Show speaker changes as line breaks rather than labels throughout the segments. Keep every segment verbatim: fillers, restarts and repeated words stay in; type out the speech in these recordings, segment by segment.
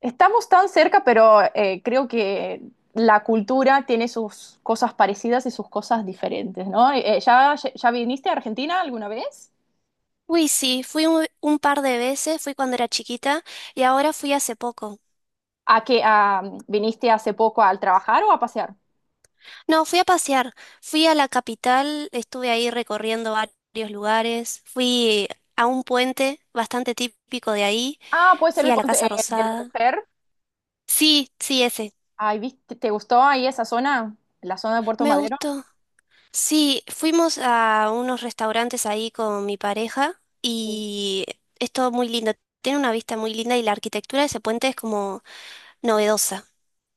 Estamos tan cerca, pero eh, creo que la cultura tiene sus cosas parecidas y sus cosas diferentes, ¿no? Eh, eh, ¿ya, ya viniste a Argentina alguna vez?
Uy, sí, fui un, un par de veces, fui cuando era chiquita y ahora fui hace poco.
¿A qué a- viniste hace poco al trabajar o a pasear?
No, fui a pasear, fui a la capital, estuve ahí recorriendo varios lugares, fui a un puente bastante típico de ahí,
Ah, puede ser
fui
el
a la
puente
Casa
eh, de la
Rosada.
mujer.
Sí, sí, ese.
Ay, ¿viste? ¿Te gustó ahí esa zona? La zona de Puerto
Me
Madero.
gustó. Sí, fuimos a unos restaurantes ahí con mi pareja y es todo muy lindo. Tiene una vista muy linda y la arquitectura de ese puente es como novedosa.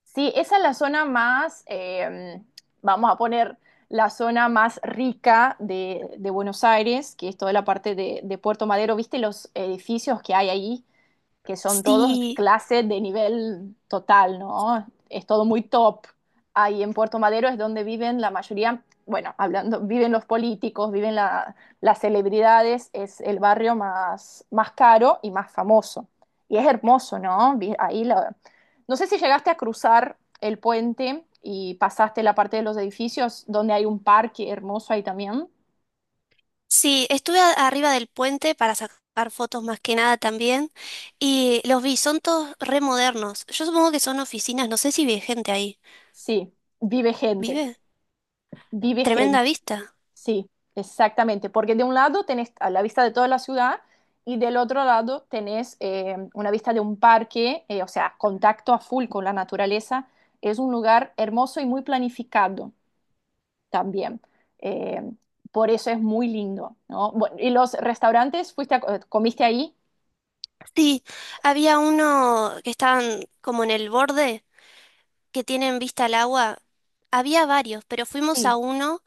Sí, esa es la zona más, eh, vamos a poner la zona más rica de, de Buenos Aires, que es toda la parte de, de Puerto Madero. ¿Viste los edificios que hay ahí? Que son todos
Sí.
clases de nivel total, ¿no? Es todo muy top. Ahí en Puerto Madero es donde viven la mayoría, bueno, hablando, viven los políticos, viven la, las celebridades, es el barrio más, más caro y más famoso. Y es hermoso, ¿no? Ahí la... No sé si llegaste a cruzar el puente y pasaste la parte de los edificios donde hay un parque hermoso ahí también.
Sí, estuve a- arriba del puente para sacar fotos más que nada también y los vi, son todos re modernos. Yo supongo que son oficinas, no sé si vive gente ahí.
Sí, vive gente,
¿Vive?
vive
Tremenda
gente.
vista.
Sí, exactamente, porque de un lado tenés a la vista de toda la ciudad y del otro lado tenés eh, una vista de un parque, eh, o sea, contacto a full con la naturaleza. Es un lugar hermoso y muy planificado también. Eh, por eso es muy lindo, ¿no? Bueno, ¿y los restaurantes fuiste a- eh, comiste ahí?
Sí, había uno que estaban como en el borde, que tienen vista al agua. Había varios, pero fuimos a
Sí.
uno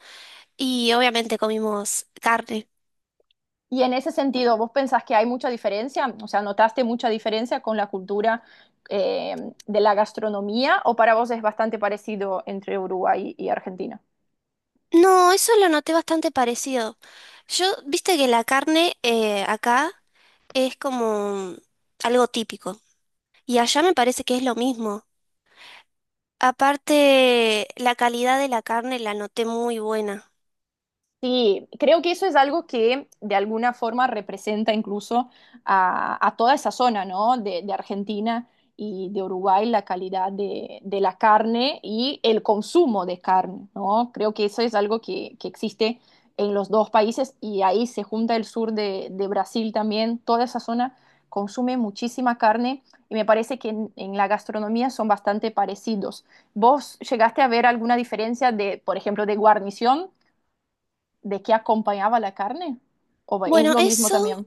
y obviamente comimos carne.
Y en ese sentido, ¿vos pensás que hay mucha diferencia? O sea, ¿notaste mucha diferencia con la cultura eh, de la gastronomía o para vos es bastante parecido entre Uruguay y Argentina?
No, eso lo noté bastante parecido. Yo, viste que la carne eh, acá es como algo típico. Y allá me parece que es lo mismo. Aparte, la calidad de la carne la noté muy buena.
Sí, creo que eso es algo que de alguna forma representa incluso a, a toda esa zona, ¿no? De, de Argentina y de Uruguay, la calidad de, de la carne y el consumo de carne, ¿no? Creo que eso es algo que, que existe en los dos países y ahí se junta el sur de, de Brasil también, toda esa zona consume muchísima carne y me parece que en, en la gastronomía son bastante parecidos. ¿Vos llegaste a ver alguna diferencia de, por ejemplo, de guarnición? ¿De qué acompañaba la carne? ¿O es
Bueno,
lo mismo
eso,
también?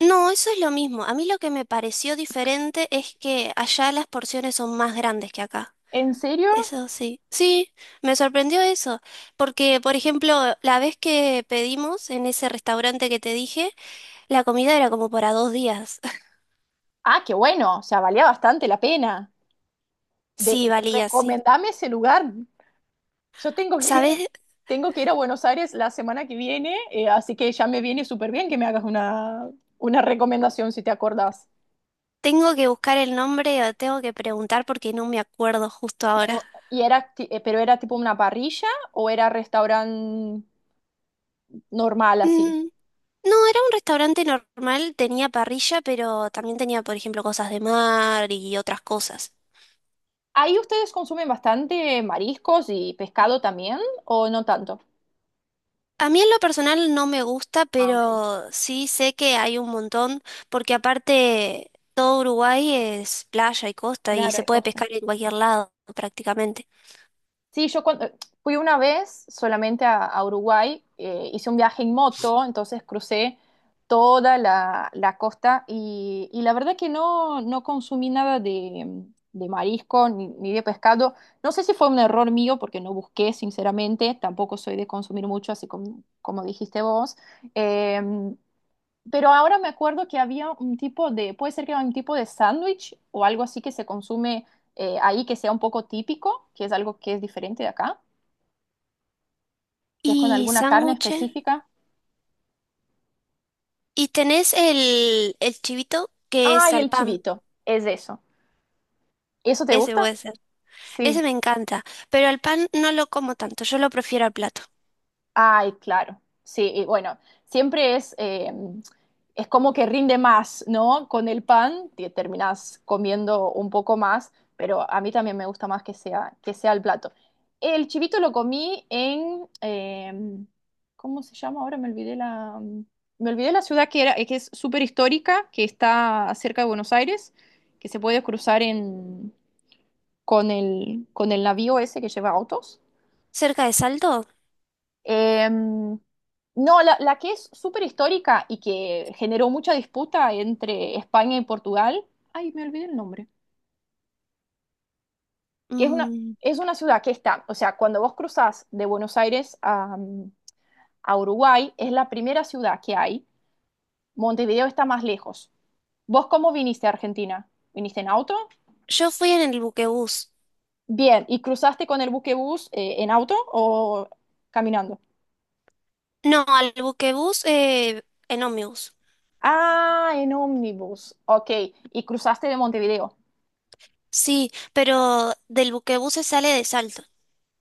no, eso es lo mismo. A mí lo que me pareció diferente es que allá las porciones son más grandes que acá.
¿En serio?
Eso sí. Sí, me sorprendió eso. Porque, por ejemplo, la vez que pedimos en ese restaurante que te dije, la comida era como para dos días.
Ah, qué bueno, o sea, valía bastante la pena. De,
Sí, valía, sí.
recomendame ese lugar. Yo tengo que ir,
¿Sabes?
tengo que ir a Buenos Aires la semana que viene, eh, así que ya me viene súper bien que me hagas una, una recomendación si te acordás.
Tengo que buscar el nombre o tengo que preguntar porque no me acuerdo justo ahora.
Pero, y era, ti- eh, pero era tipo una parrilla o era restaurante normal así.
Mm. No, era un restaurante normal, tenía parrilla, pero también tenía, por ejemplo, cosas de mar y otras cosas.
¿Ahí ustedes consumen bastante mariscos y pescado también o no tanto?
A mí en lo personal no me gusta,
Ah, ok.
pero sí sé que hay un montón, porque aparte todo Uruguay es playa y costa y
Claro,
se
hay
puede
costa.
pescar en cualquier lado prácticamente.
Sí, yo cuando, fui una vez solamente a, a Uruguay, eh, hice un viaje en moto, entonces crucé toda la, la costa y, y la verdad que no, no consumí nada de, de marisco ni, ni de pescado. No sé si fue un error mío porque no busqué, sinceramente, tampoco soy de consumir mucho, así como, como dijiste vos. Eh, pero ahora me acuerdo que había un tipo de, puede ser que era un tipo de sándwich o algo así que se consume eh, ahí que sea un poco típico, que es algo que es diferente de acá, que es con
Y
alguna carne
sándwiches.
específica.
Y tenés el, el chivito, que es
Ay,
al
el
pan.
chivito, es eso. ¿Eso te
Ese
gusta?
puede ser.
Sí.
Ese me encanta, pero al pan no lo como tanto, yo lo prefiero al plato.
Ay, claro. Sí, y bueno, siempre es, eh, es como que rinde más, ¿no? Con el pan te terminás comiendo un poco más, pero a mí también me gusta más que sea, que sea el plato. El chivito lo comí en, eh, ¿cómo se llama? Ahora me olvidé la, mm, me olvidé la ciudad que era, que es súper histórica, que está cerca de Buenos Aires, que se puede cruzar en, con el, con el navío ese que lleva autos.
¿Cerca de Salto?
Em, no, la, la que es súper histórica y que generó mucha disputa entre España y Portugal. Ay, me olvidé el nombre. Que es una,
Mm,
es una ciudad que está, o sea, cuando vos cruzás de Buenos Aires a, a Uruguay, es la primera ciudad que hay. Montevideo está más lejos. ¿Vos cómo viniste a Argentina? ¿Viniste en auto?
Yo fui en el buquebús.
Bien, ¿y cruzaste con el buquebús eh, en auto o caminando?
No, al buquebús eh, en ómnibus.
Ah, en ómnibus. Ok, y cruzaste de Montevideo.
Sí, pero del buquebús se sale de Salto.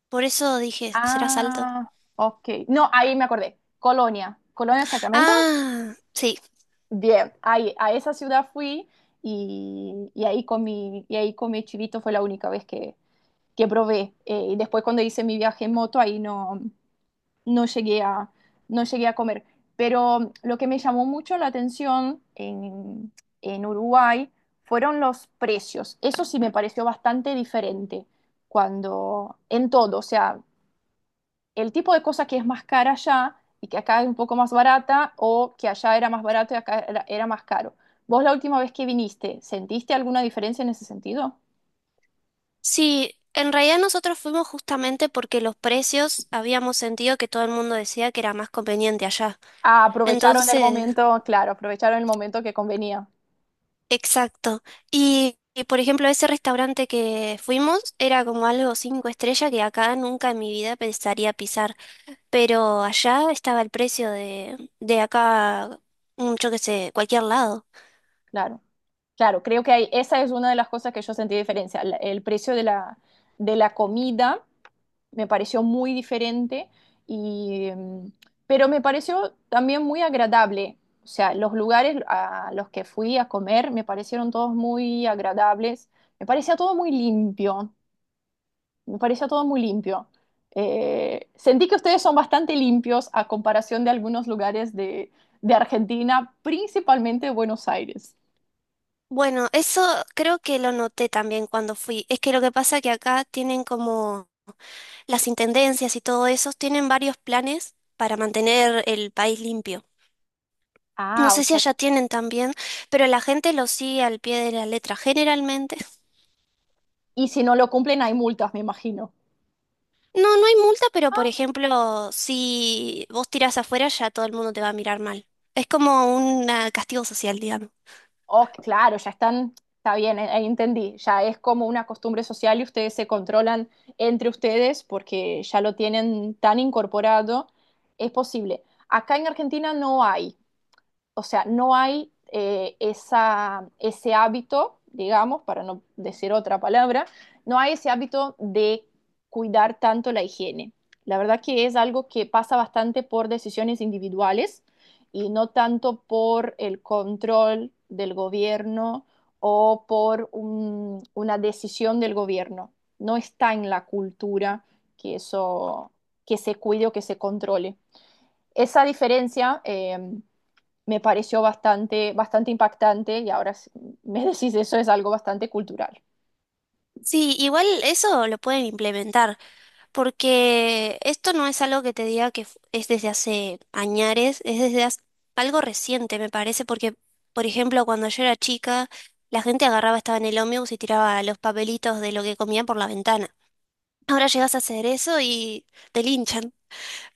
Por eso dije, ¿será Salto?
Ah, ok. No, ahí me acordé. Colonia. Colonia de Sacramento.
Ah, sí.
Bien, ahí, a esa ciudad fui y, y ahí comí, y ahí comí chivito, fue la única vez que, que probé. Eh, y después cuando hice mi viaje en moto, ahí no, no llegué a, no llegué a comer. Pero lo que me llamó mucho la atención en, en Uruguay fueron los precios. Eso sí me pareció bastante diferente cuando, en todo, o sea, el tipo de cosa que es más cara allá y que acá es un poco más barata o que allá era más barato y acá era, era más caro. ¿Vos la última vez que viniste, sentiste alguna diferencia en ese sentido?
Sí, en realidad nosotros fuimos justamente porque los precios habíamos sentido que todo el mundo decía que era más conveniente allá.
Ah, aprovecharon el
Entonces,
momento, claro, aprovecharon el momento que convenía,
exacto. Y, y, por ejemplo, ese restaurante que fuimos era como algo cinco estrellas que acá nunca en mi vida pensaría pisar. Pero allá estaba el precio de, de acá, mm, yo qué sé, cualquier lado.
claro. Claro, creo que hay, esa es una de las cosas que yo sentí diferencia, la- el precio de la, de la comida me pareció muy diferente y mm, pero me pareció también muy agradable. O sea, los lugares a los que fui a comer me parecieron todos muy agradables. Me parecía todo muy limpio. Me parecía todo muy limpio. Eh, sentí que ustedes son bastante limpios a comparación de algunos lugares de, de Argentina, principalmente Buenos Aires.
Bueno, eso creo que lo noté también cuando fui. Es que lo que pasa que acá tienen como las intendencias y todo eso, tienen varios planes para mantener el país limpio. No
Ah, o
sé si
sea,
allá tienen también, pero la gente lo sigue al pie de la letra generalmente.
y si no lo cumplen hay multas, me imagino.
No, no hay multa, pero por ejemplo, si vos tirás afuera, ya todo el mundo te va a mirar mal. Es como un ah, castigo social, digamos.
Oh, claro, ya están, está bien, eh, ahí entendí. Ya es como una costumbre social y ustedes se controlan entre ustedes porque ya lo tienen tan incorporado. Es posible. Acá en Argentina no hay o sea, no hay eh, esa, ese hábito, digamos, para no decir otra palabra, no hay ese hábito de cuidar tanto la higiene. La verdad que es algo que pasa bastante por decisiones individuales y no tanto por el control del gobierno o por un- una decisión del gobierno. No está en la cultura que eso, que se cuide o que se controle. Esa diferencia eh, me pareció bastante, bastante impactante y ahora me decís eso es algo bastante cultural.
Sí, igual eso lo pueden implementar, porque esto no es algo que te diga que fu- es desde hace añares, es desde hace- algo reciente, me parece, porque, por ejemplo, cuando yo era chica, la gente agarraba, estaba en el ómnibus y tiraba los papelitos de lo que comían por la ventana. Ahora llegas a hacer eso y te linchan,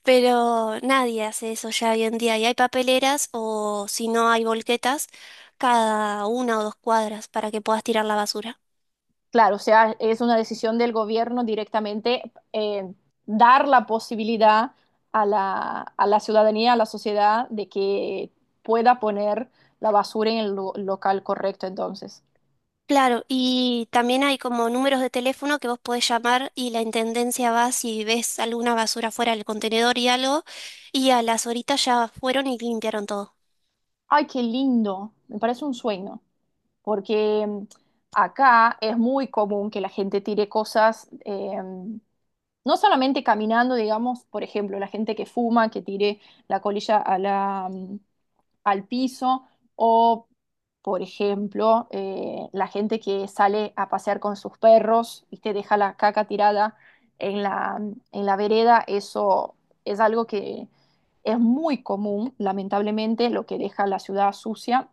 pero nadie hace eso ya hoy en día, y hay papeleras o si no hay volquetas cada una o dos cuadras para que puedas tirar la basura.
Claro, o sea, es una decisión del gobierno directamente eh, dar la posibilidad a la, a la, ciudadanía, a la sociedad, de que pueda poner la basura en el local correcto entonces.
Claro, y también hay como números de teléfono que vos podés llamar y la intendencia va si ves alguna basura fuera del contenedor y algo, y a las horitas ya fueron y limpiaron todo.
Ay, qué lindo. Me parece un sueño. Porque mm, acá es muy común que la gente tire cosas, eh, no solamente caminando, digamos, por ejemplo, la gente que fuma, que tire la colilla a la, mm, al piso o, por ejemplo, eh, la gente que sale a pasear con sus perros y te deja la caca tirada en la, en la vereda, eso es algo que es muy común, lamentablemente, lo que deja la ciudad sucia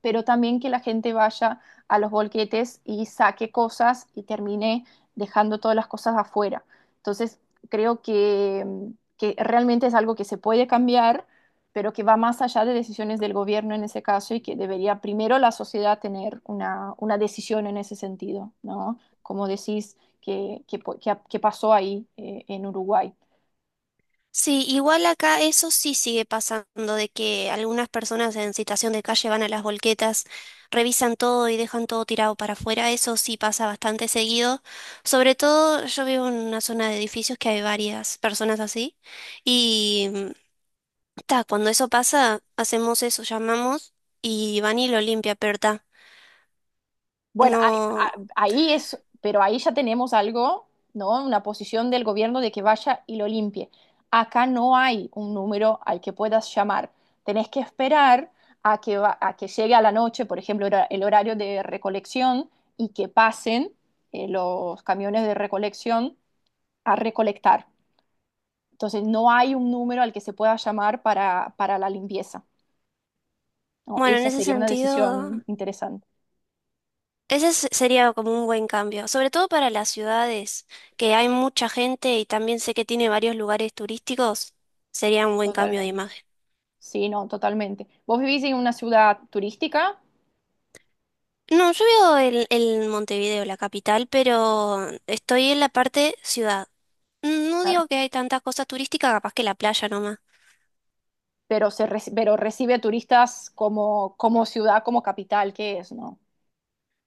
pero también que la gente vaya a los bolquetes y saque cosas y termine dejando todas las cosas afuera. Entonces, creo que, que realmente es algo que se puede cambiar, pero que va más allá de decisiones del gobierno en ese caso y que debería primero la sociedad tener una, una decisión en ese sentido, ¿no? Como decís, que, que, que que pasó ahí eh, en Uruguay.
Sí, igual acá eso sí sigue pasando, de que algunas personas en situación de calle van a las volquetas, revisan todo y dejan todo tirado para afuera, eso sí pasa bastante seguido. Sobre todo yo vivo en una zona de edificios que hay varias personas así, y ta, cuando eso pasa, hacemos eso, llamamos y van y lo limpia, pero ta,
Bueno, ahí,
no,
ah, ahí es, pero ahí ya tenemos algo, ¿no? Una posición del gobierno de que vaya y lo limpie. Acá no hay un número al que puedas llamar. Tenés que esperar a que, va- a que llegue a la noche, por ejemplo, hora- el horario de recolección y que pasen eh, los camiones de recolección a recolectar. Entonces, no hay un número al que se pueda llamar para, para la limpieza, ¿no?
bueno, en
Esa
ese
sería una
sentido,
decisión interesante.
ese se- sería como un buen cambio, sobre todo para las ciudades, que hay mucha gente y también sé que tiene varios lugares turísticos, sería un buen cambio de
Totalmente.
imagen.
Sí, no, totalmente. Vos vivís en una ciudad turística,
No, yo vivo en, en Montevideo, la capital, pero estoy en la parte ciudad. No
claro.
digo que hay tantas cosas turísticas, capaz que la playa nomás.
Pero, se reci- pero recibe turistas como, como ciudad, como capital que es, ¿no?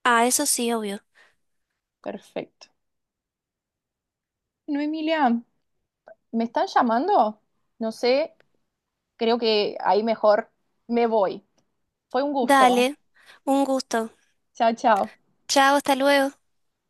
Ah, eso sí, obvio.
Perfecto. No, Emilia, ¿me están llamando? No sé, creo que ahí mejor me voy. Fue un gusto.
Dale, un gusto.
Chao, chao.
Chao, hasta luego.